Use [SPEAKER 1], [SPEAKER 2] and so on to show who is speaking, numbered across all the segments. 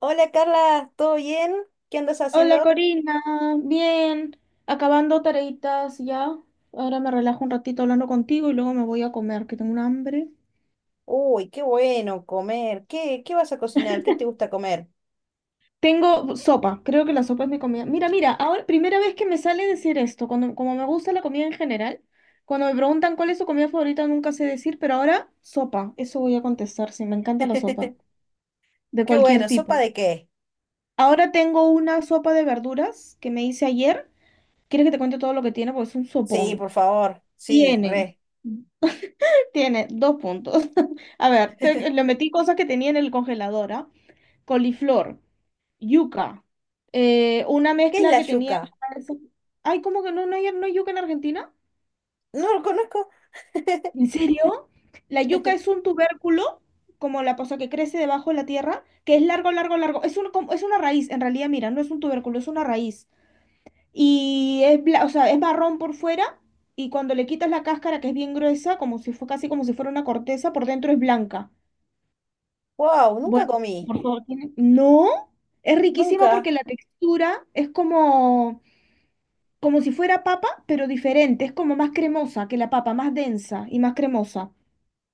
[SPEAKER 1] Hola Carla, ¿todo bien? ¿Qué andas
[SPEAKER 2] Hola
[SPEAKER 1] haciendo?
[SPEAKER 2] Corina, bien, acabando tareitas ya. Ahora me relajo un ratito hablando contigo y luego me voy a comer, que tengo un hambre.
[SPEAKER 1] Uy, qué bueno comer. ¿Qué vas a cocinar? ¿Qué te gusta comer?
[SPEAKER 2] Tengo sopa, creo que la sopa es mi comida. Mira, mira, ahora primera vez que me sale decir esto, cuando, como me gusta la comida en general, cuando me preguntan cuál es su comida favorita nunca sé decir, pero ahora sopa, eso voy a contestar, sí, me encanta la sopa, de
[SPEAKER 1] Qué
[SPEAKER 2] cualquier
[SPEAKER 1] bueno, ¿sopa
[SPEAKER 2] tipo.
[SPEAKER 1] de qué?
[SPEAKER 2] Ahora tengo una sopa de verduras que me hice ayer. ¿Quieres que te cuente todo lo que tiene? Porque es un
[SPEAKER 1] Sí,
[SPEAKER 2] sopón.
[SPEAKER 1] por favor. Sí,
[SPEAKER 2] Tiene.
[SPEAKER 1] re.
[SPEAKER 2] Tiene dos puntos. A ver,
[SPEAKER 1] ¿Qué
[SPEAKER 2] le metí cosas que tenía en el congelador, ¿ah? Coliflor, yuca, una
[SPEAKER 1] es
[SPEAKER 2] mezcla
[SPEAKER 1] la
[SPEAKER 2] que tenía.
[SPEAKER 1] yuca?
[SPEAKER 2] Ay, ¿cómo que no no hay yuca en Argentina?
[SPEAKER 1] No lo conozco.
[SPEAKER 2] ¿En serio? La yuca es un tubérculo, como la cosa que crece debajo de la tierra, que es largo, largo, largo. Es un, es una raíz, en realidad, mira, no es un tubérculo, es una raíz. Y es, o sea, es marrón por fuera y cuando le quitas la cáscara, que es bien gruesa, como si fue casi como si fuera una corteza, por dentro es blanca.
[SPEAKER 1] Wow, nunca
[SPEAKER 2] Bueno,
[SPEAKER 1] comí.
[SPEAKER 2] por favor, No, es riquísima
[SPEAKER 1] Nunca.
[SPEAKER 2] porque la textura es como, como si fuera papa, pero diferente, es como más cremosa que la papa, más densa y más cremosa.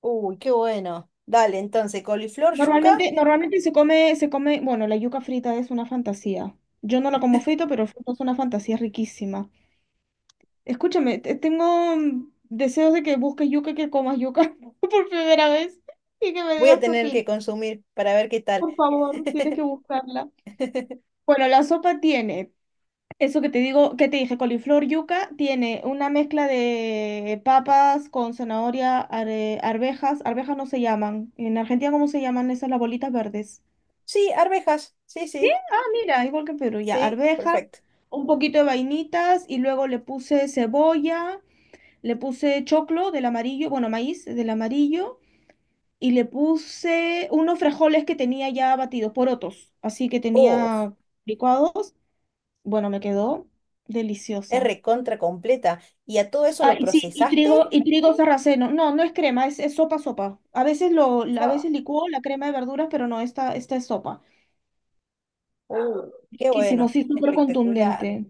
[SPEAKER 1] Uy, qué bueno. Dale, entonces, coliflor, yuca,
[SPEAKER 2] Normalmente, normalmente se come, bueno, la yuca frita es una fantasía. Yo no la como frita, pero frita es una fantasía riquísima. Escúchame, tengo deseos de que busques yuca y que comas yuca por primera vez y que me
[SPEAKER 1] voy a
[SPEAKER 2] digas qué
[SPEAKER 1] tener que
[SPEAKER 2] opinas.
[SPEAKER 1] consumir para ver qué tal.
[SPEAKER 2] Por favor, tienes que buscarla. Bueno, la sopa tiene eso que te digo, que te dije, coliflor yuca tiene una mezcla de papas con zanahoria, arvejas, arvejas no se llaman. En Argentina, ¿cómo se llaman esas las bolitas verdes?
[SPEAKER 1] Sí, arvejas. Sí, sí.
[SPEAKER 2] Ah, mira, igual que en Perú, ya,
[SPEAKER 1] Sí,
[SPEAKER 2] arvejas,
[SPEAKER 1] perfecto.
[SPEAKER 2] un poquito de vainitas y luego le puse cebolla, le puse choclo del amarillo, bueno, maíz del amarillo y le puse unos frijoles que tenía ya batidos, porotos, así que
[SPEAKER 1] Uf.
[SPEAKER 2] tenía licuados. Bueno, me quedó
[SPEAKER 1] Es
[SPEAKER 2] deliciosa.
[SPEAKER 1] recontra completa. ¿Y a todo eso
[SPEAKER 2] Ah,
[SPEAKER 1] lo
[SPEAKER 2] y sí,
[SPEAKER 1] procesaste?
[SPEAKER 2] y trigo sarraceno. No, no es crema, es sopa, sopa. A
[SPEAKER 1] Fa,
[SPEAKER 2] veces licúo la crema de verduras, pero no, esta es sopa.
[SPEAKER 1] Qué
[SPEAKER 2] Riquísimo,
[SPEAKER 1] bueno,
[SPEAKER 2] sí, súper
[SPEAKER 1] espectacular.
[SPEAKER 2] contundente.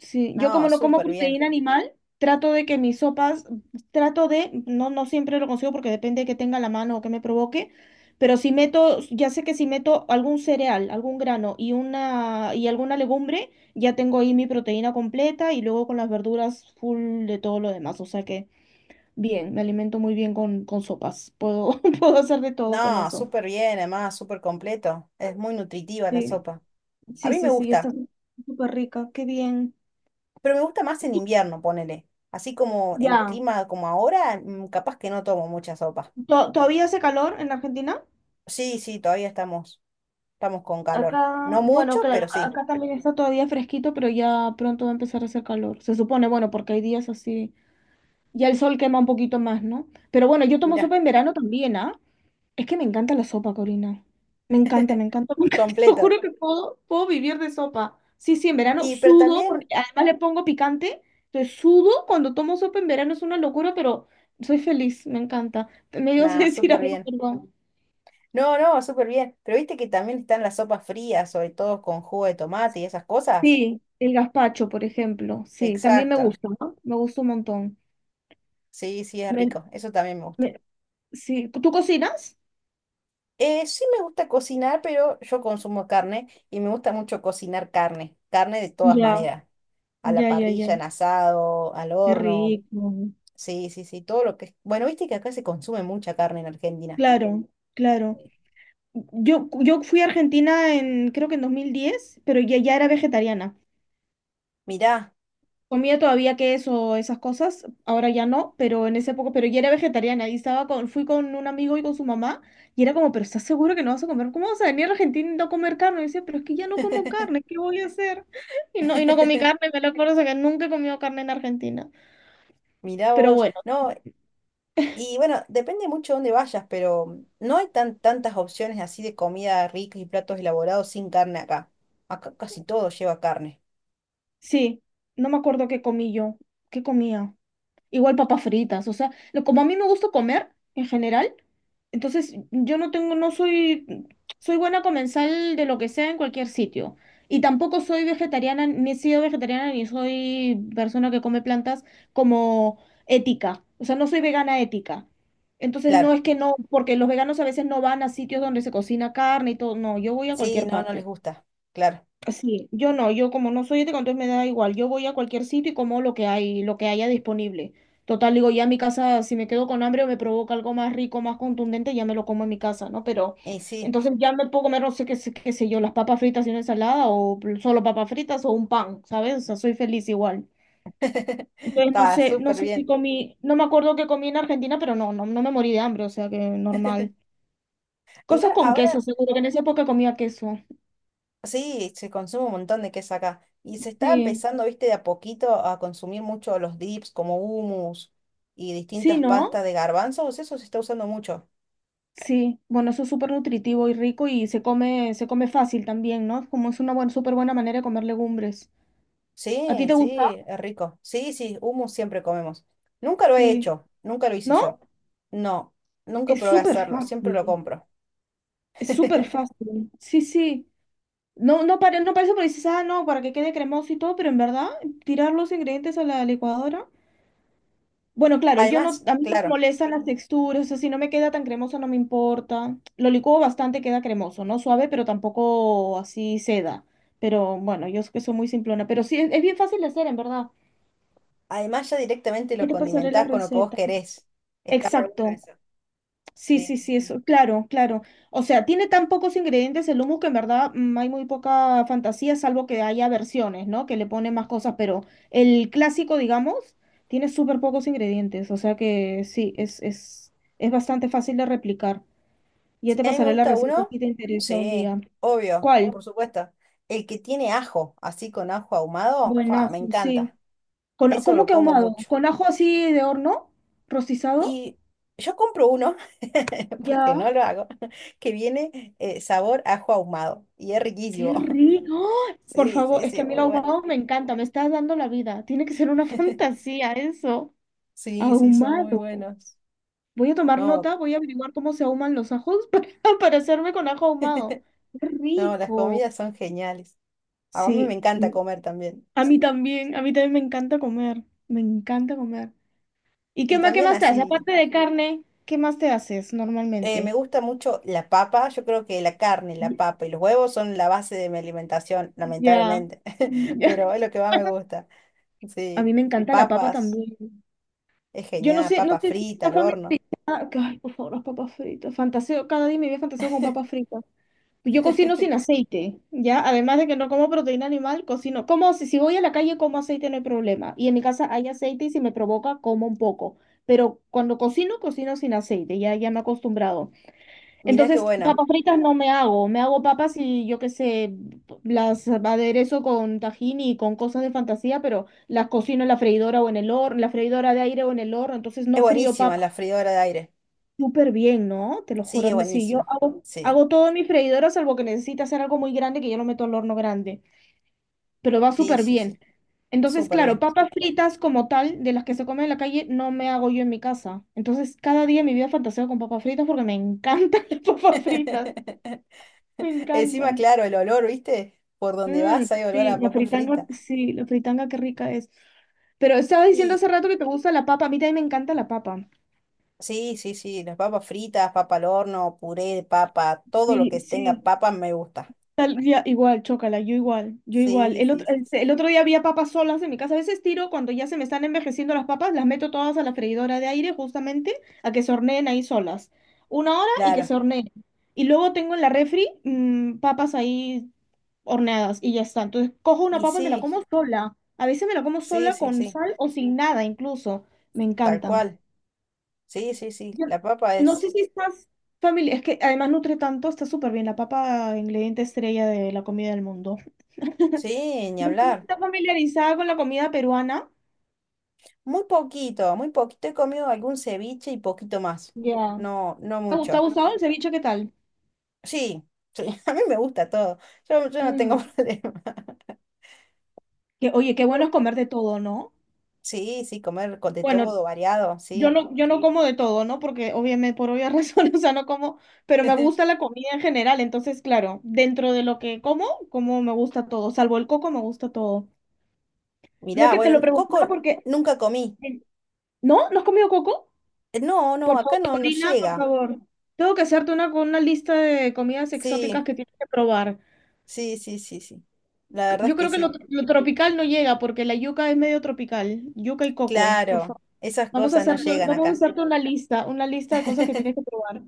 [SPEAKER 2] Sí, yo
[SPEAKER 1] No,
[SPEAKER 2] como no como
[SPEAKER 1] súper bien.
[SPEAKER 2] proteína animal, trato de que mis sopas, trato de, no, no siempre lo consigo porque depende de que tenga a la mano o que me provoque, pero si meto, ya sé que si meto algún cereal, algún grano y una, y alguna legumbre, ya tengo ahí mi proteína completa y luego con las verduras full de todo lo demás. O sea que bien, me alimento muy bien con sopas. Puedo, puedo hacer de todo con
[SPEAKER 1] No,
[SPEAKER 2] eso.
[SPEAKER 1] súper bien, además, súper completo. Es muy nutritiva la
[SPEAKER 2] Sí,
[SPEAKER 1] sopa. A
[SPEAKER 2] sí,
[SPEAKER 1] mí
[SPEAKER 2] sí,
[SPEAKER 1] me
[SPEAKER 2] sí, está
[SPEAKER 1] gusta,
[SPEAKER 2] súper rica, qué bien.
[SPEAKER 1] pero me gusta más en invierno, ponele. Así como en
[SPEAKER 2] Ya.
[SPEAKER 1] clima como ahora, capaz que no tomo mucha sopa.
[SPEAKER 2] ¿Todavía hace calor en Argentina?
[SPEAKER 1] Sí, sí, todavía estamos con calor. No
[SPEAKER 2] Acá,
[SPEAKER 1] mucho,
[SPEAKER 2] bueno, claro,
[SPEAKER 1] pero sí.
[SPEAKER 2] acá también está todavía fresquito, pero ya pronto va a empezar a hacer calor. Se supone, bueno, porque hay días así. Ya el sol quema un poquito más, ¿no? Pero bueno, yo tomo
[SPEAKER 1] Mirá,
[SPEAKER 2] sopa en verano también, ¿ah? Es que me encanta la sopa, Corina. Me encanta, me encanta. Te lo
[SPEAKER 1] completo.
[SPEAKER 2] juro que puedo, puedo vivir de sopa. Sí, sí, en verano
[SPEAKER 1] Y pero
[SPEAKER 2] sudo, porque
[SPEAKER 1] también,
[SPEAKER 2] además le pongo picante. Entonces sudo cuando tomo sopa en verano, es una locura, pero soy feliz, me encanta. Me dio a
[SPEAKER 1] nada,
[SPEAKER 2] decir
[SPEAKER 1] súper
[SPEAKER 2] algo,
[SPEAKER 1] bien.
[SPEAKER 2] perdón.
[SPEAKER 1] No, no, súper bien. Pero viste que también están las sopas frías, sobre todo con jugo de tomate y esas cosas.
[SPEAKER 2] Sí, el gazpacho, por ejemplo. Sí, también me
[SPEAKER 1] Exacto.
[SPEAKER 2] gusta, ¿no? Me gusta un montón.
[SPEAKER 1] Sí, sí, es
[SPEAKER 2] Me-
[SPEAKER 1] rico. Eso también me gusta.
[SPEAKER 2] me- sí. ¿Tú cocinas?
[SPEAKER 1] Sí me gusta cocinar, pero yo consumo carne y me gusta mucho cocinar carne. Carne de todas
[SPEAKER 2] Ya,
[SPEAKER 1] maneras. A la
[SPEAKER 2] ya, ya,
[SPEAKER 1] parrilla, en
[SPEAKER 2] ya.
[SPEAKER 1] asado, al
[SPEAKER 2] Qué
[SPEAKER 1] horno.
[SPEAKER 2] rico.
[SPEAKER 1] Sí, sí, sí, todo lo que... es Bueno, viste que acá se consume mucha carne en Argentina.
[SPEAKER 2] Claro, claro. Yo fui a Argentina en, creo que en 2010 pero ya, ya era vegetariana.
[SPEAKER 1] Mirá,
[SPEAKER 2] Comía todavía queso, esas cosas, ahora ya no, pero en esa época, pero ya era vegetariana y estaba con, fui con un amigo y con su mamá y era como, pero ¿estás seguro que no vas a comer? ¿Cómo vas a venir a Argentina y no comer carne? Y decía, pero es que ya no como carne, ¿qué voy a hacer? Y no comí carne, me lo acuerdo, o sea, que nunca he comido carne en Argentina.
[SPEAKER 1] mirá
[SPEAKER 2] Pero
[SPEAKER 1] vos.
[SPEAKER 2] bueno,
[SPEAKER 1] No. Y bueno, depende mucho de dónde vayas, pero no hay tantas opciones así de comida rica y platos elaborados sin carne acá. Acá casi todo lleva carne.
[SPEAKER 2] sí, no me acuerdo qué comí yo, qué comía. Igual papas fritas, o sea, como a mí me gusta comer en general, entonces yo no tengo, no soy, soy buena comensal de lo que sea en cualquier sitio. Y tampoco soy vegetariana, ni he sido vegetariana, ni soy persona que come plantas como ética. O sea, no soy vegana ética. Entonces no
[SPEAKER 1] Claro.
[SPEAKER 2] es que no, porque los veganos a veces no van a sitios donde se cocina carne y todo, no, yo voy a
[SPEAKER 1] Sí,
[SPEAKER 2] cualquier
[SPEAKER 1] no, no les
[SPEAKER 2] parte.
[SPEAKER 1] gusta. Claro.
[SPEAKER 2] Sí, yo no, yo como no soy ética, entonces me da igual. Yo voy a cualquier sitio y como lo que hay, lo que haya disponible. Total, digo, ya en mi casa, si me quedo con hambre o me provoca algo más rico, más contundente, ya me lo como en mi casa, ¿no? Pero
[SPEAKER 1] Y sí,
[SPEAKER 2] entonces ya me puedo comer, no sé qué, qué sé yo, las papas fritas y una ensalada o solo papas fritas o un pan, ¿sabes? O sea, soy feliz igual. Entonces no
[SPEAKER 1] está
[SPEAKER 2] sé, no
[SPEAKER 1] súper
[SPEAKER 2] sé si
[SPEAKER 1] bien.
[SPEAKER 2] comí, no me acuerdo qué comí en Argentina, pero no, no, no me morí de hambre, o sea que normal. Cosas
[SPEAKER 1] Igual
[SPEAKER 2] con queso,
[SPEAKER 1] ahora
[SPEAKER 2] seguro que en esa época comía queso.
[SPEAKER 1] sí, se consume un montón de queso acá. Y se está
[SPEAKER 2] Sí,
[SPEAKER 1] empezando, viste, de a poquito a consumir mucho los dips como hummus y
[SPEAKER 2] sí,
[SPEAKER 1] distintas
[SPEAKER 2] ¿no?
[SPEAKER 1] pastas de garbanzos. Eso se está usando mucho.
[SPEAKER 2] Sí, bueno, eso es súper nutritivo y rico y se come fácil también, ¿no? Como es una buena, súper buena manera de comer legumbres. ¿A ti
[SPEAKER 1] Sí,
[SPEAKER 2] te gusta?
[SPEAKER 1] sí, es rico. Sí, sí, hummus siempre comemos. Nunca lo he
[SPEAKER 2] Sí.
[SPEAKER 1] hecho, nunca lo hice
[SPEAKER 2] ¿No?
[SPEAKER 1] yo. No, nunca
[SPEAKER 2] Es
[SPEAKER 1] probé
[SPEAKER 2] súper
[SPEAKER 1] hacerlo, siempre lo
[SPEAKER 2] fácil.
[SPEAKER 1] compro.
[SPEAKER 2] Es súper fácil. Sí, sí. No, no, no parece porque dices, ah, no, para que quede cremoso y todo, pero en verdad, tirar los ingredientes a la licuadora. Bueno, claro, yo no,
[SPEAKER 1] Además,
[SPEAKER 2] a mí no me
[SPEAKER 1] claro,
[SPEAKER 2] molestan las texturas, o sea, si no me queda tan cremoso no me importa. Lo licuo bastante, queda cremoso, no suave, pero tampoco así seda. Pero bueno, yo es que soy muy simplona, pero sí, es bien fácil de hacer, en verdad.
[SPEAKER 1] además ya directamente lo
[SPEAKER 2] Ya te pasaré la
[SPEAKER 1] condimentás con lo que vos
[SPEAKER 2] receta.
[SPEAKER 1] querés. Está re bueno
[SPEAKER 2] Exacto.
[SPEAKER 1] eso.
[SPEAKER 2] Sí,
[SPEAKER 1] Sí,
[SPEAKER 2] sí,
[SPEAKER 1] sí,
[SPEAKER 2] sí,
[SPEAKER 1] sí.
[SPEAKER 2] eso, claro, claro. O sea, tiene tan pocos ingredientes el hummus que en verdad hay muy poca fantasía, salvo que haya versiones, ¿no? Que le ponen más cosas, pero el clásico, digamos, tiene súper pocos ingredientes, o sea que sí, es bastante fácil de replicar. Ya
[SPEAKER 1] Si
[SPEAKER 2] te
[SPEAKER 1] a mí me
[SPEAKER 2] pasaré la
[SPEAKER 1] gusta
[SPEAKER 2] receta
[SPEAKER 1] uno,
[SPEAKER 2] si te interesa un
[SPEAKER 1] sí,
[SPEAKER 2] día.
[SPEAKER 1] obvio,
[SPEAKER 2] ¿Cuál?
[SPEAKER 1] por supuesto. El que tiene ajo, así con ajo ahumado, fa, me
[SPEAKER 2] Buenazo, sí.
[SPEAKER 1] encanta.
[SPEAKER 2] Con,
[SPEAKER 1] Eso
[SPEAKER 2] ¿cómo
[SPEAKER 1] lo
[SPEAKER 2] que
[SPEAKER 1] como
[SPEAKER 2] ahumado?
[SPEAKER 1] mucho.
[SPEAKER 2] ¿Con ajo así de horno? ¿Rostizado?
[SPEAKER 1] Y yo compro uno, porque no
[SPEAKER 2] Ya.
[SPEAKER 1] lo hago, que viene sabor ajo ahumado y es
[SPEAKER 2] ¡Qué
[SPEAKER 1] riquísimo.
[SPEAKER 2] rico! ¡Oh! Por
[SPEAKER 1] Sí,
[SPEAKER 2] favor,
[SPEAKER 1] sí,
[SPEAKER 2] es que
[SPEAKER 1] sí,
[SPEAKER 2] a mí el
[SPEAKER 1] muy bueno.
[SPEAKER 2] ahumado me encanta, me estás dando la vida. Tiene que ser una fantasía eso.
[SPEAKER 1] Sí, sí, son muy
[SPEAKER 2] Ahumado.
[SPEAKER 1] buenos.
[SPEAKER 2] Voy a tomar
[SPEAKER 1] No,
[SPEAKER 2] nota, voy a averiguar cómo se ahuman los ajos para hacerme con ajo ahumado. ¡Qué
[SPEAKER 1] no, las
[SPEAKER 2] rico!
[SPEAKER 1] comidas son geniales. A mí me
[SPEAKER 2] Sí,
[SPEAKER 1] encanta comer también. Sí.
[SPEAKER 2] a mí también me encanta comer, me encanta comer. ¿Y
[SPEAKER 1] Y
[SPEAKER 2] qué
[SPEAKER 1] también
[SPEAKER 2] más te haces?
[SPEAKER 1] así,
[SPEAKER 2] Aparte de carne, ¿qué más te haces
[SPEAKER 1] me
[SPEAKER 2] normalmente?
[SPEAKER 1] gusta mucho la papa. Yo creo que la carne, la
[SPEAKER 2] Y-
[SPEAKER 1] papa y los huevos son la base de mi alimentación,
[SPEAKER 2] Ya.
[SPEAKER 1] lamentablemente.
[SPEAKER 2] Ya.
[SPEAKER 1] Pero es lo que más me gusta.
[SPEAKER 2] A
[SPEAKER 1] Sí,
[SPEAKER 2] mí me encanta la papa
[SPEAKER 1] papas,
[SPEAKER 2] también.
[SPEAKER 1] es
[SPEAKER 2] Yo no
[SPEAKER 1] genial,
[SPEAKER 2] sé, no
[SPEAKER 1] papa
[SPEAKER 2] sé si
[SPEAKER 1] frita
[SPEAKER 2] está
[SPEAKER 1] al
[SPEAKER 2] familiarizado.
[SPEAKER 1] horno.
[SPEAKER 2] Ah, ay, por favor, las papas fritas. Fantaseo, cada día me voy a fantaseo con papas fritas. Yo cocino sin aceite, ¿ya? Además de que no como proteína animal, cocino. Como si, si voy a la calle, como aceite, no hay problema. Y en mi casa hay aceite y si me provoca, como un poco. Pero cuando cocino, cocino sin aceite, ya, ya me he acostumbrado.
[SPEAKER 1] Mirá qué
[SPEAKER 2] Entonces,
[SPEAKER 1] buena.
[SPEAKER 2] papas fritas no me hago. Me hago papas y yo qué sé, las aderezo con tajín y con cosas de fantasía, pero las cocino en la freidora o en el horno, en la freidora de aire o en el horno, entonces
[SPEAKER 1] Es
[SPEAKER 2] no frío
[SPEAKER 1] buenísima
[SPEAKER 2] papas.
[SPEAKER 1] la freidora de aire.
[SPEAKER 2] Súper bien, ¿no? Te lo
[SPEAKER 1] Sí,
[SPEAKER 2] juro.
[SPEAKER 1] es
[SPEAKER 2] Sí, yo
[SPEAKER 1] buenísimo.
[SPEAKER 2] hago,
[SPEAKER 1] Sí,
[SPEAKER 2] hago todo en mi freidora, salvo que necesita hacer algo muy grande que yo lo meto al horno grande. Pero va
[SPEAKER 1] sí,
[SPEAKER 2] súper
[SPEAKER 1] sí,
[SPEAKER 2] bien.
[SPEAKER 1] sí.
[SPEAKER 2] Entonces,
[SPEAKER 1] Súper
[SPEAKER 2] claro,
[SPEAKER 1] bien.
[SPEAKER 2] papas fritas como tal, de las que se comen en la calle, no me hago yo en mi casa. Entonces, cada día en mi vida fantaseo con papas fritas porque me encantan las papas fritas. Me
[SPEAKER 1] Encima,
[SPEAKER 2] encantan.
[SPEAKER 1] claro, el olor, ¿viste? Por donde
[SPEAKER 2] Mm,
[SPEAKER 1] vas hay olor a papa frita.
[SPEAKER 2] sí, la fritanga, qué rica es. Pero estabas diciendo
[SPEAKER 1] Y
[SPEAKER 2] hace rato que te gusta la papa. A mí también me encanta la papa.
[SPEAKER 1] sí, sí, sí, las papas fritas, papa al horno, puré de papa, todo lo
[SPEAKER 2] Sí,
[SPEAKER 1] que tenga
[SPEAKER 2] sí.
[SPEAKER 1] papa me gusta.
[SPEAKER 2] Igual, chócala, yo igual, yo igual.
[SPEAKER 1] Sí, sí, sí, sí.
[SPEAKER 2] El otro día había papas solas en mi casa. A veces tiro cuando ya se me están envejeciendo las papas, las meto todas a la freidora de aire justamente a que se horneen ahí solas. Una hora y que se
[SPEAKER 1] Claro.
[SPEAKER 2] horneen. Y luego tengo en la refri papas ahí horneadas y ya está. Entonces cojo una
[SPEAKER 1] Y
[SPEAKER 2] papa y me la
[SPEAKER 1] sí,
[SPEAKER 2] como sola. A veces me la como
[SPEAKER 1] sí,
[SPEAKER 2] sola
[SPEAKER 1] sí,
[SPEAKER 2] con
[SPEAKER 1] sí.
[SPEAKER 2] sal o sin nada incluso. Me
[SPEAKER 1] Tal
[SPEAKER 2] encanta.
[SPEAKER 1] cual. Sí, sí, sí.
[SPEAKER 2] Yo
[SPEAKER 1] La papa
[SPEAKER 2] No
[SPEAKER 1] es.
[SPEAKER 2] sé si estás familiar, es que además nutre tanto, está súper bien, la papa ingrediente estrella de la comida del mundo.
[SPEAKER 1] Sí, ni
[SPEAKER 2] No sé si
[SPEAKER 1] hablar.
[SPEAKER 2] estás familiarizada con la comida peruana.
[SPEAKER 1] Muy poquito, muy poquito. He comido algún ceviche y poquito más.
[SPEAKER 2] Ya.
[SPEAKER 1] No, no
[SPEAKER 2] Te ha
[SPEAKER 1] mucho.
[SPEAKER 2] gustado el ceviche? ¿Qué tal?
[SPEAKER 1] Sí, sí, a mí me gusta todo. Yo no tengo
[SPEAKER 2] Mm,
[SPEAKER 1] problema.
[SPEAKER 2] Que, oye, qué bueno es comer de todo, ¿no?
[SPEAKER 1] Sí, sí, comer con de
[SPEAKER 2] Bueno,
[SPEAKER 1] todo, variado,
[SPEAKER 2] yo
[SPEAKER 1] sí.
[SPEAKER 2] no, yo no como de todo, ¿no? Porque obviamente por obvias razones, o sea, no como, pero me gusta la comida en general, entonces, claro, dentro de lo que como, como me gusta todo, salvo el coco, me gusta todo. No es
[SPEAKER 1] Mirá,
[SPEAKER 2] que te lo
[SPEAKER 1] bueno,
[SPEAKER 2] preguntaba
[SPEAKER 1] coco
[SPEAKER 2] porque,
[SPEAKER 1] nunca comí.
[SPEAKER 2] ¿no? ¿No has comido coco?
[SPEAKER 1] No,
[SPEAKER 2] Por
[SPEAKER 1] no, acá
[SPEAKER 2] favor,
[SPEAKER 1] no, no
[SPEAKER 2] Corina, por
[SPEAKER 1] llega.
[SPEAKER 2] favor. Tengo que hacerte una con una lista de comidas
[SPEAKER 1] Sí,
[SPEAKER 2] exóticas que tienes que probar.
[SPEAKER 1] sí, sí, sí, sí. La verdad es
[SPEAKER 2] Yo
[SPEAKER 1] que
[SPEAKER 2] creo que
[SPEAKER 1] sí.
[SPEAKER 2] lo tropical no llega porque la yuca es medio tropical. Yuca y coco, por
[SPEAKER 1] Claro,
[SPEAKER 2] favor.
[SPEAKER 1] esas
[SPEAKER 2] Vamos a
[SPEAKER 1] cosas no
[SPEAKER 2] hacer,
[SPEAKER 1] llegan
[SPEAKER 2] vamos a
[SPEAKER 1] acá.
[SPEAKER 2] hacerte una lista de cosas que tienes que probar.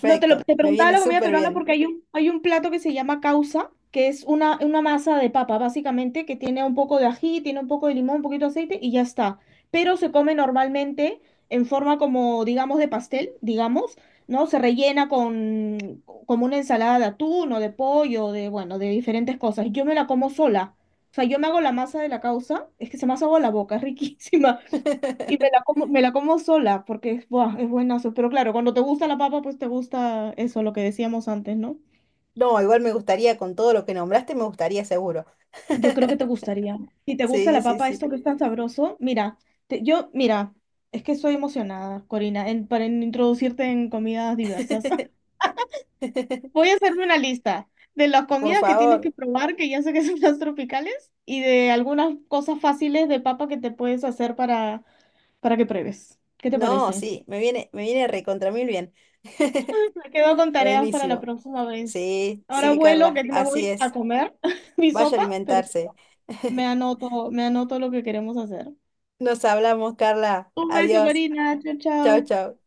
[SPEAKER 2] No, te lo te
[SPEAKER 1] me
[SPEAKER 2] preguntaba
[SPEAKER 1] viene
[SPEAKER 2] la comida
[SPEAKER 1] súper
[SPEAKER 2] peruana
[SPEAKER 1] bien.
[SPEAKER 2] porque hay hay un plato que se llama causa, que es una masa de papa, básicamente, que tiene un poco de ají, tiene un poco de limón, un poquito de aceite y ya está. Pero se come normalmente en forma como, digamos, de pastel, digamos, ¿no? Se rellena con como una ensalada de atún o de pollo, de, bueno, de diferentes cosas. Yo me la como sola. O sea, yo me hago la masa de la causa, es que se me hace agua la boca, es riquísima. Y me la como sola porque es, buah, es buenazo. Pero claro, cuando te gusta la papa, pues te gusta eso, lo que decíamos antes, ¿no?
[SPEAKER 1] No, igual me gustaría, con todo lo que nombraste, me gustaría seguro.
[SPEAKER 2] Yo creo que te gustaría. Si te gusta
[SPEAKER 1] Sí,
[SPEAKER 2] la
[SPEAKER 1] sí,
[SPEAKER 2] papa,
[SPEAKER 1] sí.
[SPEAKER 2] esto que es tan sabroso, mira, mira, es que estoy emocionada, Corina, para introducirte en comidas diversas. Voy a hacerme una lista de las
[SPEAKER 1] Por
[SPEAKER 2] comidas que tienes que
[SPEAKER 1] favor.
[SPEAKER 2] probar, que ya sé que son las tropicales, y de algunas cosas fáciles de papa que te puedes hacer para que pruebes. ¿Qué te
[SPEAKER 1] No,
[SPEAKER 2] parece?
[SPEAKER 1] sí, me viene recontra mil bien.
[SPEAKER 2] Me quedo con tareas para la
[SPEAKER 1] Buenísimo.
[SPEAKER 2] próxima vez.
[SPEAKER 1] Sí,
[SPEAKER 2] Ahora sí.
[SPEAKER 1] sí,
[SPEAKER 2] Vuelo que
[SPEAKER 1] Carla,
[SPEAKER 2] me
[SPEAKER 1] así
[SPEAKER 2] voy a
[SPEAKER 1] es.
[SPEAKER 2] comer mi
[SPEAKER 1] Vaya a
[SPEAKER 2] sopa, pero
[SPEAKER 1] alimentarse.
[SPEAKER 2] me anoto lo que queremos hacer.
[SPEAKER 1] Nos hablamos, Carla.
[SPEAKER 2] Un beso,
[SPEAKER 1] Adiós.
[SPEAKER 2] Corina. Chao,
[SPEAKER 1] Chau,
[SPEAKER 2] chao.
[SPEAKER 1] chau.